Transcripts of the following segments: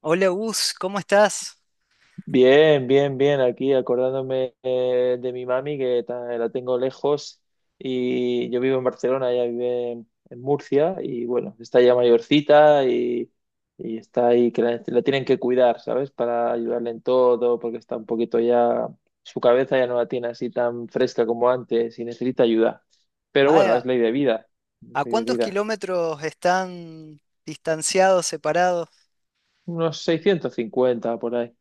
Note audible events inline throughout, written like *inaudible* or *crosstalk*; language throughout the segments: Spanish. Hola Gus, ¿cómo estás? Bien, bien, bien. Aquí acordándome de mi mami, la tengo lejos, y yo vivo en Barcelona, ella vive en Murcia, y bueno, está ya mayorcita y está ahí, la tienen que cuidar, ¿sabes? Para ayudarle en todo, porque está un poquito ya, su cabeza ya no la tiene así tan fresca como antes y necesita ayuda. Pero bueno, Ah, es ley de vida, es ¿a ley de cuántos vida. kilómetros están distanciados, separados? Unos 650 por ahí.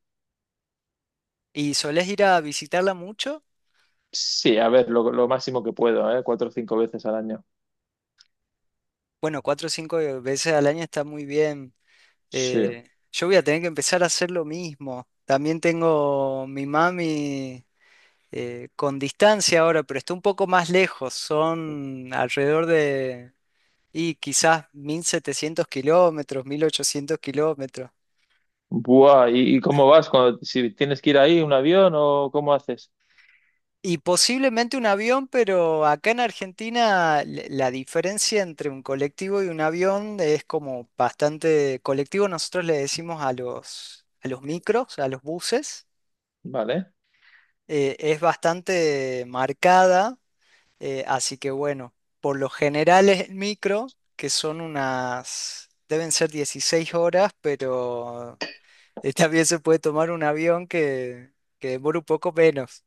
¿Y solés ir a visitarla mucho? Sí, a ver, lo máximo que puedo, ¿eh? Cuatro o cinco veces al año. Bueno, cuatro o cinco veces al año está muy bien. Sí. Yo voy a tener que empezar a hacer lo mismo. También tengo mi mami con distancia ahora, pero está un poco más lejos. Son alrededor de, y quizás 1.700 kilómetros, 1.800 kilómetros. Buah, ¿ y cómo vas? Cuando, si tienes que ir ahí, ¿un avión o cómo haces? Y posiblemente un avión, pero acá en Argentina la diferencia entre un colectivo y un avión es como bastante colectivo. Nosotros le decimos a los micros, a los buses, Vale, es bastante marcada. Así que bueno, por lo general es el micro, que son unas, deben ser 16 horas, pero también se puede tomar un avión que demora un poco menos.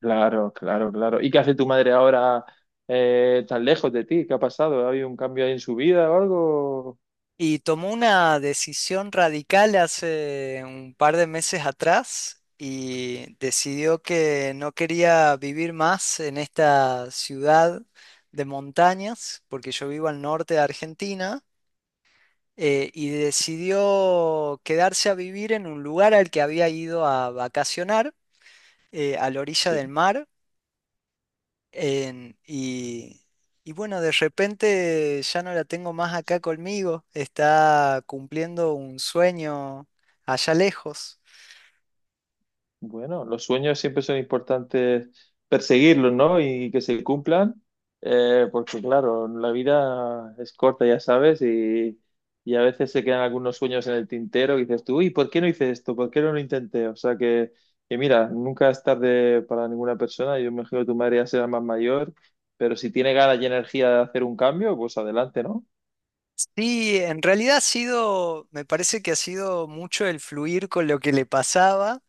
claro, claro, claro. ¿Y qué hace tu madre ahora tan lejos de ti? ¿Qué ha pasado? ¿Ha habido un cambio ahí en su vida o algo? Y tomó una decisión radical hace un par de meses atrás y decidió que no quería vivir más en esta ciudad de montañas, porque yo vivo al norte de Argentina, y decidió quedarse a vivir en un lugar al que había ido a vacacionar, a la orilla del mar. En- y, y bueno, de repente ya no la tengo más acá conmigo, está cumpliendo un sueño allá lejos. Bueno, los sueños siempre son importantes perseguirlos, ¿no? Y que se cumplan, porque claro, la vida es corta, ya sabes, y a veces se quedan algunos sueños en el tintero y dices tú, uy, ¿por qué no hice esto? ¿Por qué no lo intenté? O sea que mira, nunca es tarde para ninguna persona. Yo me imagino que tu madre ya será más mayor, pero si tiene ganas y energía de hacer un cambio, pues adelante, ¿no? Sí, en realidad ha sido, me parece que ha sido mucho el fluir con lo que le pasaba.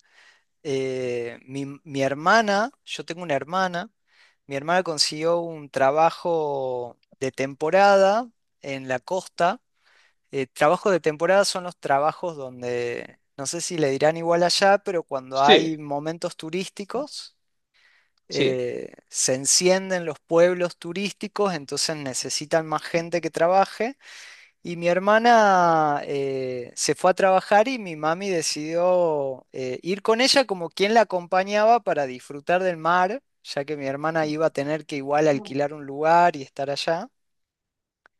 Mi hermana, yo tengo una hermana, mi hermana consiguió un trabajo de temporada en la costa. Trabajo de temporada son los trabajos donde, no sé si le dirán igual allá, pero cuando hay Sí, momentos turísticos, sí, se encienden los pueblos turísticos, entonces necesitan más gente que trabaje. Y mi hermana se fue a trabajar y mi mami decidió ir con ella como quien la acompañaba para disfrutar del mar, ya que mi hermana iba a tener que igual alquilar un lugar y estar allá.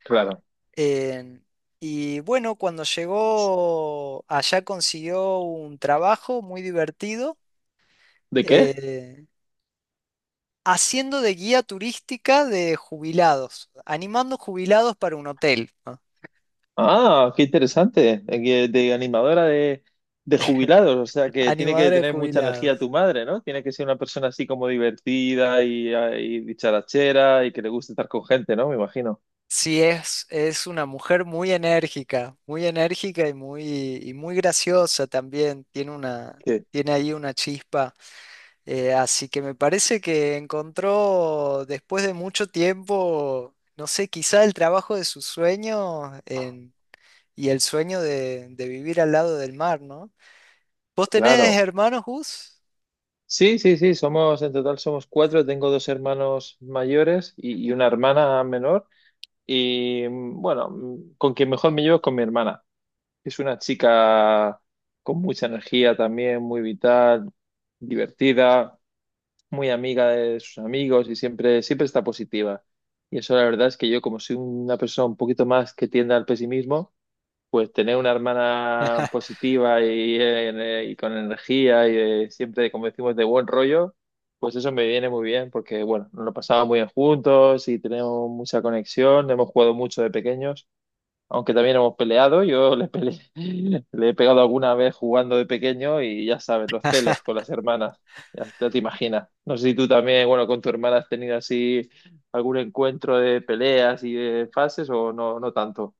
claro. En- y bueno, cuando llegó allá consiguió un trabajo muy divertido, ¿De qué? eh, haciendo de guía turística de jubilados, animando jubilados para un hotel, ¿no? Ah, qué interesante. Que de animadora de jubilados. O sea que tiene que Animadora de tener mucha energía tu jubilados. madre, ¿no? Tiene que ser una persona así como divertida y, ah, y dicharachera y que le guste estar con gente, ¿no? Me imagino. Sí, es una mujer muy enérgica y muy graciosa también. Tiene una, Que, tiene ahí una chispa. Así que me parece que encontró después de mucho tiempo, no sé, quizá el trabajo de sus sueños en- y el sueño de vivir al lado del mar, ¿no? ¿Vos tenés claro. hermanos, Gus? Sí, sí, sí. Somos, en total somos cuatro. Tengo dos hermanos mayores y una hermana menor. Y bueno, con quien mejor me llevo es con mi hermana. Es una chica con mucha energía también, muy vital, divertida. Muy amiga de sus amigos y siempre, siempre está positiva. Y eso la verdad es que yo, como soy una persona un poquito más que tiende al pesimismo, pues tener una hermana positiva y con energía y siempre, como decimos, de buen rollo, pues eso me viene muy bien porque, bueno, nos lo pasamos muy bien juntos y tenemos mucha conexión, hemos jugado mucho de pequeños. Aunque también hemos peleado, yo le peleé, *laughs* le he pegado alguna vez jugando de pequeño y ya sabes, los celos con las hermanas, ya te imaginas. No sé si tú también, bueno, con tu hermana has tenido así algún encuentro de peleas y de fases o no, no tanto.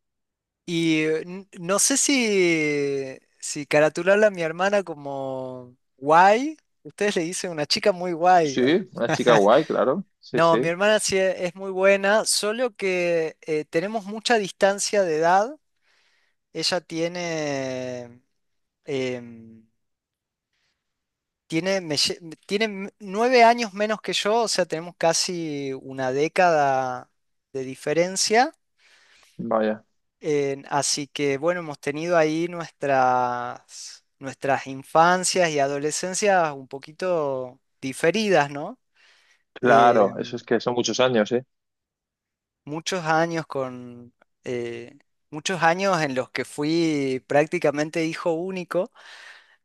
Y no sé si, caratularla a mi hermana como guay, ustedes le dicen una chica muy guay. Sí, una chica *laughs* guay, claro. Sí, No, mi sí, hermana sí es muy buena, solo que tenemos mucha distancia de edad. Ella tiene em, tiene, me lle- me- tiene m- 9 años menos que yo, o sea, tenemos casi una década de diferencia. vaya. Así que bueno, hemos tenido ahí nuestras, nuestras infancias y adolescencias un poquito diferidas, ¿no? Claro, eso es Em, que son muchos años, ¿eh? muchos años con... eh, Muchos años en los que fui prácticamente hijo único,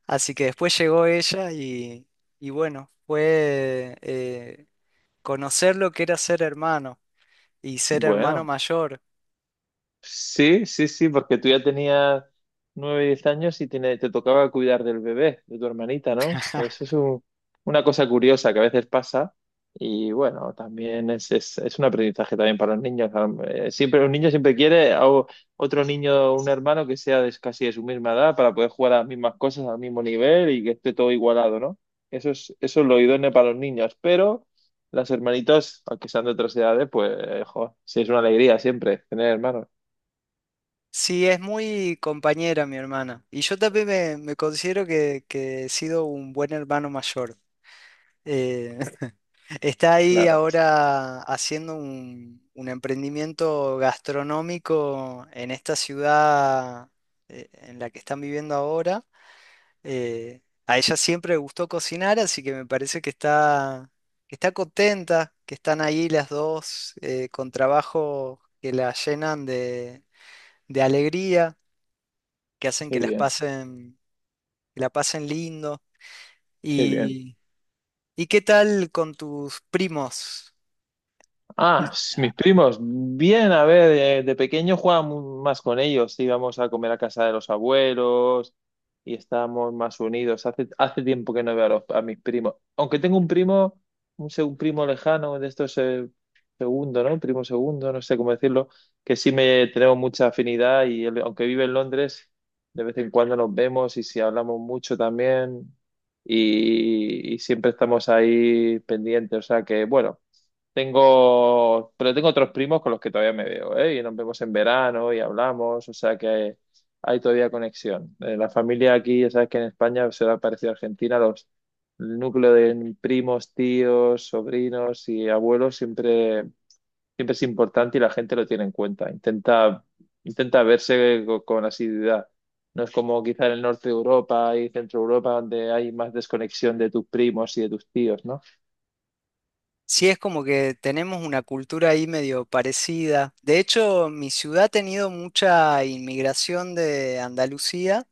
así que después llegó ella y bueno, conocer lo que era ser hermano y ser hermano Bueno. mayor. Sí, sí, sí, porque tú ya tenías nueve, diez años y te tocaba cuidar del bebé, de tu hermanita, ¿no? Una cosa curiosa que a veces pasa y bueno, también es un aprendizaje también para los niños. Siempre un niño siempre quiere a otro niño, un hermano que sea de, casi de su misma edad para poder jugar a las mismas cosas al mismo nivel y que esté todo igualado, ¿no? Eso es lo idóneo para los niños, pero las hermanitas, aunque sean de otras edades, pues, jo, sí es una alegría siempre tener hermanos. Sí, es muy compañera mi hermana. Y yo también me considero que he sido un buen hermano mayor. Eh, *laughs* Está ahí Claro, ahora haciendo un emprendimiento gastronómico en esta ciudad en la que están viviendo ahora. A ella siempre le gustó cocinar, así que me parece que está contenta, que están ahí las dos con trabajo que la llenan de alegría, que hacen qué que las bien, pasen, que la pasen lindo. qué bien. Y, ¿y qué tal con tus primos? Ah, s- mis primos, bien, a ver, de, pequeño más con ellos, íbamos a comer a casa de los abuelos y estábamos más unidos. Hace, hace tiempo que no veo a, a mis primos, aunque tengo un primo, un primo lejano de estos segundo, ¿no? Primo segundo, no sé cómo decirlo, que sí me tenemos mucha afinidad y él, aunque vive en Londres, de vez en cuando nos vemos y si hablamos mucho también y siempre estamos ahí pendientes, o sea que bueno. Tengo, pero tengo otros primos con los que todavía me veo, ¿eh? Y nos vemos en verano y hablamos, o sea que hay todavía conexión. La familia aquí, ya sabes que en España se da parecido a Argentina, los el núcleo de primos, tíos, sobrinos y abuelos siempre, siempre es importante y la gente lo tiene en cuenta. Intenta, intenta verse con asiduidad. No es como quizá en el norte de Europa y centro Europa donde hay más desconexión de tus primos y de tus tíos, ¿no? Sí, es como que tenemos una cultura ahí medio parecida. De hecho, mi ciudad ha tenido mucha inmigración de Andalucía.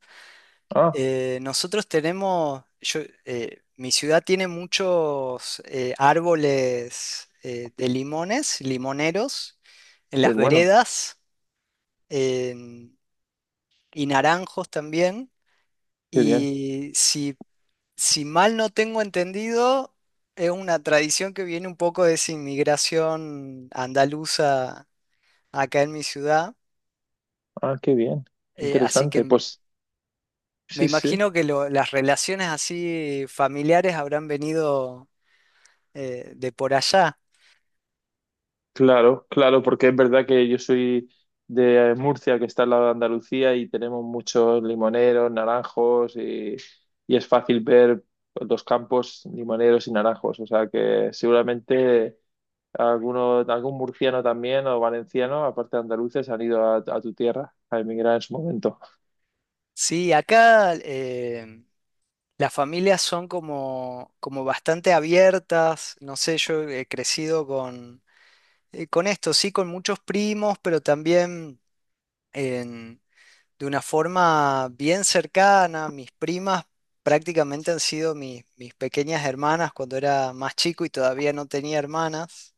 Ah, Nosotros tenemos, yo, mi ciudad tiene muchos árboles de limones, limoneros, en qué las bueno, veredas en- y naranjos también. qué bien. Y si, si mal no tengo entendido, es una tradición que viene un poco de esa inmigración andaluza acá en mi ciudad. Ah, qué bien, Así interesante. que Pues me sí, sí, imagino que las relaciones así familiares habrán venido de por allá. claro, claro, porque es verdad que yo soy de Murcia, que está al lado de Andalucía, y tenemos muchos limoneros, naranjos, y es fácil ver los campos limoneros y naranjos. O sea que seguramente alguno, algún murciano también o valenciano, aparte de andaluces, han ido a tu tierra a emigrar en su momento. Sí, acá las familias son como bastante abiertas. No sé, yo he crecido con esto, sí, con muchos primos, pero también en- de una forma bien cercana. Mis primas prácticamente han sido mis, mis pequeñas hermanas cuando era más chico y todavía no tenía hermanas.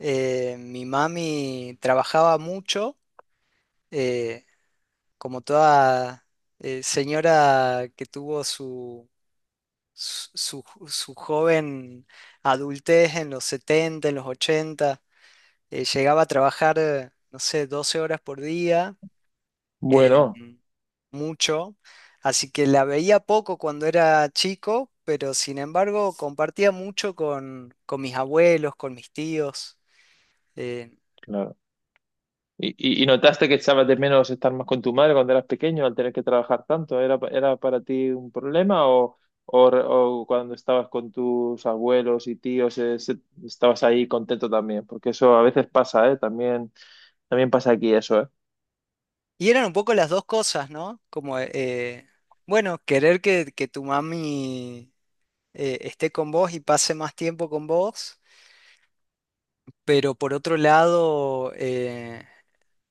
Mi mami trabajaba mucho. eh, Como toda señora que tuvo su joven adultez en los 70 en los 80, llegaba a trabajar, no sé, 12 horas por día, eh, Bueno. mucho, así que la veía poco cuando era chico, pero sin embargo compartía mucho con mis abuelos, con mis tíos. eh, ¿Y, y notaste que echabas de menos estar más con tu madre cuando eras pequeño al tener que trabajar tanto? ¿Era, era para ti un problema o, o cuando estabas con tus abuelos y tíos estabas ahí contento también? Porque eso a veces pasa, ¿eh? También, también pasa aquí eso, ¿eh? y eran un poco las dos cosas, ¿no? Como, bueno, querer que, tu mami esté con vos y pase más tiempo con vos. Pero por otro lado, eh,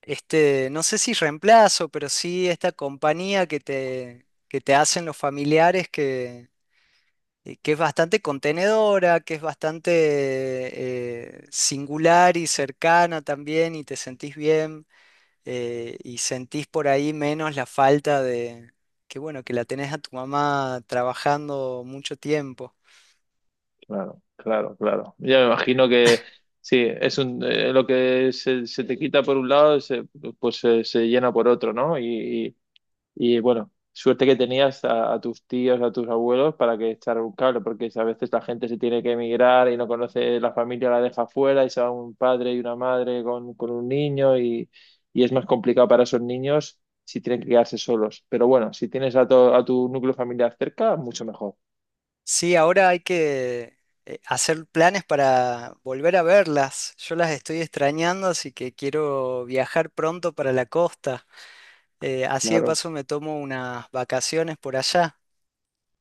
este, no sé si reemplazo, pero sí esta compañía que te hacen los familiares que es bastante contenedora, que es bastante singular y cercana también y te sentís bien y sentís por ahí menos la falta de, que bueno, que la tenés a tu mamá trabajando mucho tiempo. Claro, claro, claro. Ya me imagino que sí, es un, lo que se te quita por un lado, pues se llena por otro, ¿no? Y bueno, suerte que tenías a tus tíos, a tus abuelos para que echar un cable, porque a veces la gente se tiene que emigrar y no conoce, la familia la deja fuera y se va un padre y una madre con un niño y es más complicado para esos niños si tienen que quedarse solos. Pero bueno, si tienes a tu núcleo familiar cerca, mucho mejor. Sí, ahora hay que hacer planes para volver a verlas. Yo las estoy extrañando, así que quiero viajar pronto para la costa. Así de Claro. paso me tomo unas vacaciones por allá.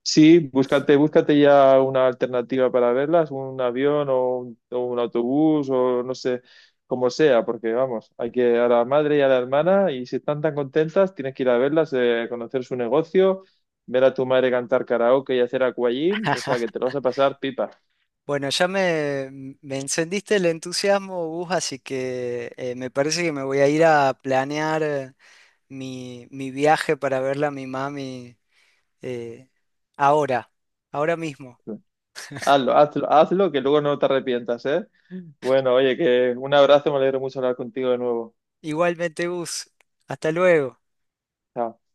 Sí, búscate, búscate ya una alternativa para verlas, un avión o un autobús o no sé, como sea, porque vamos, hay que a la madre y a la hermana y si están tan contentas, tienes que ir a verlas, conocer su negocio, ver a tu madre cantar karaoke y hacer aquagym, o sea que *laughs* te lo vas a pasar pipa. Bueno, ya me encendiste el entusiasmo, Gus, así que me parece que me voy a ir a planear mi viaje para verla a mi mami eh, ahora, ahora mismo. Hazlo, hazlo, hazlo, que luego no te arrepientas, ¿eh? Bueno, oye, que un abrazo, me alegro mucho hablar contigo de nuevo. Igualmente, Gus, hasta luego. Chao.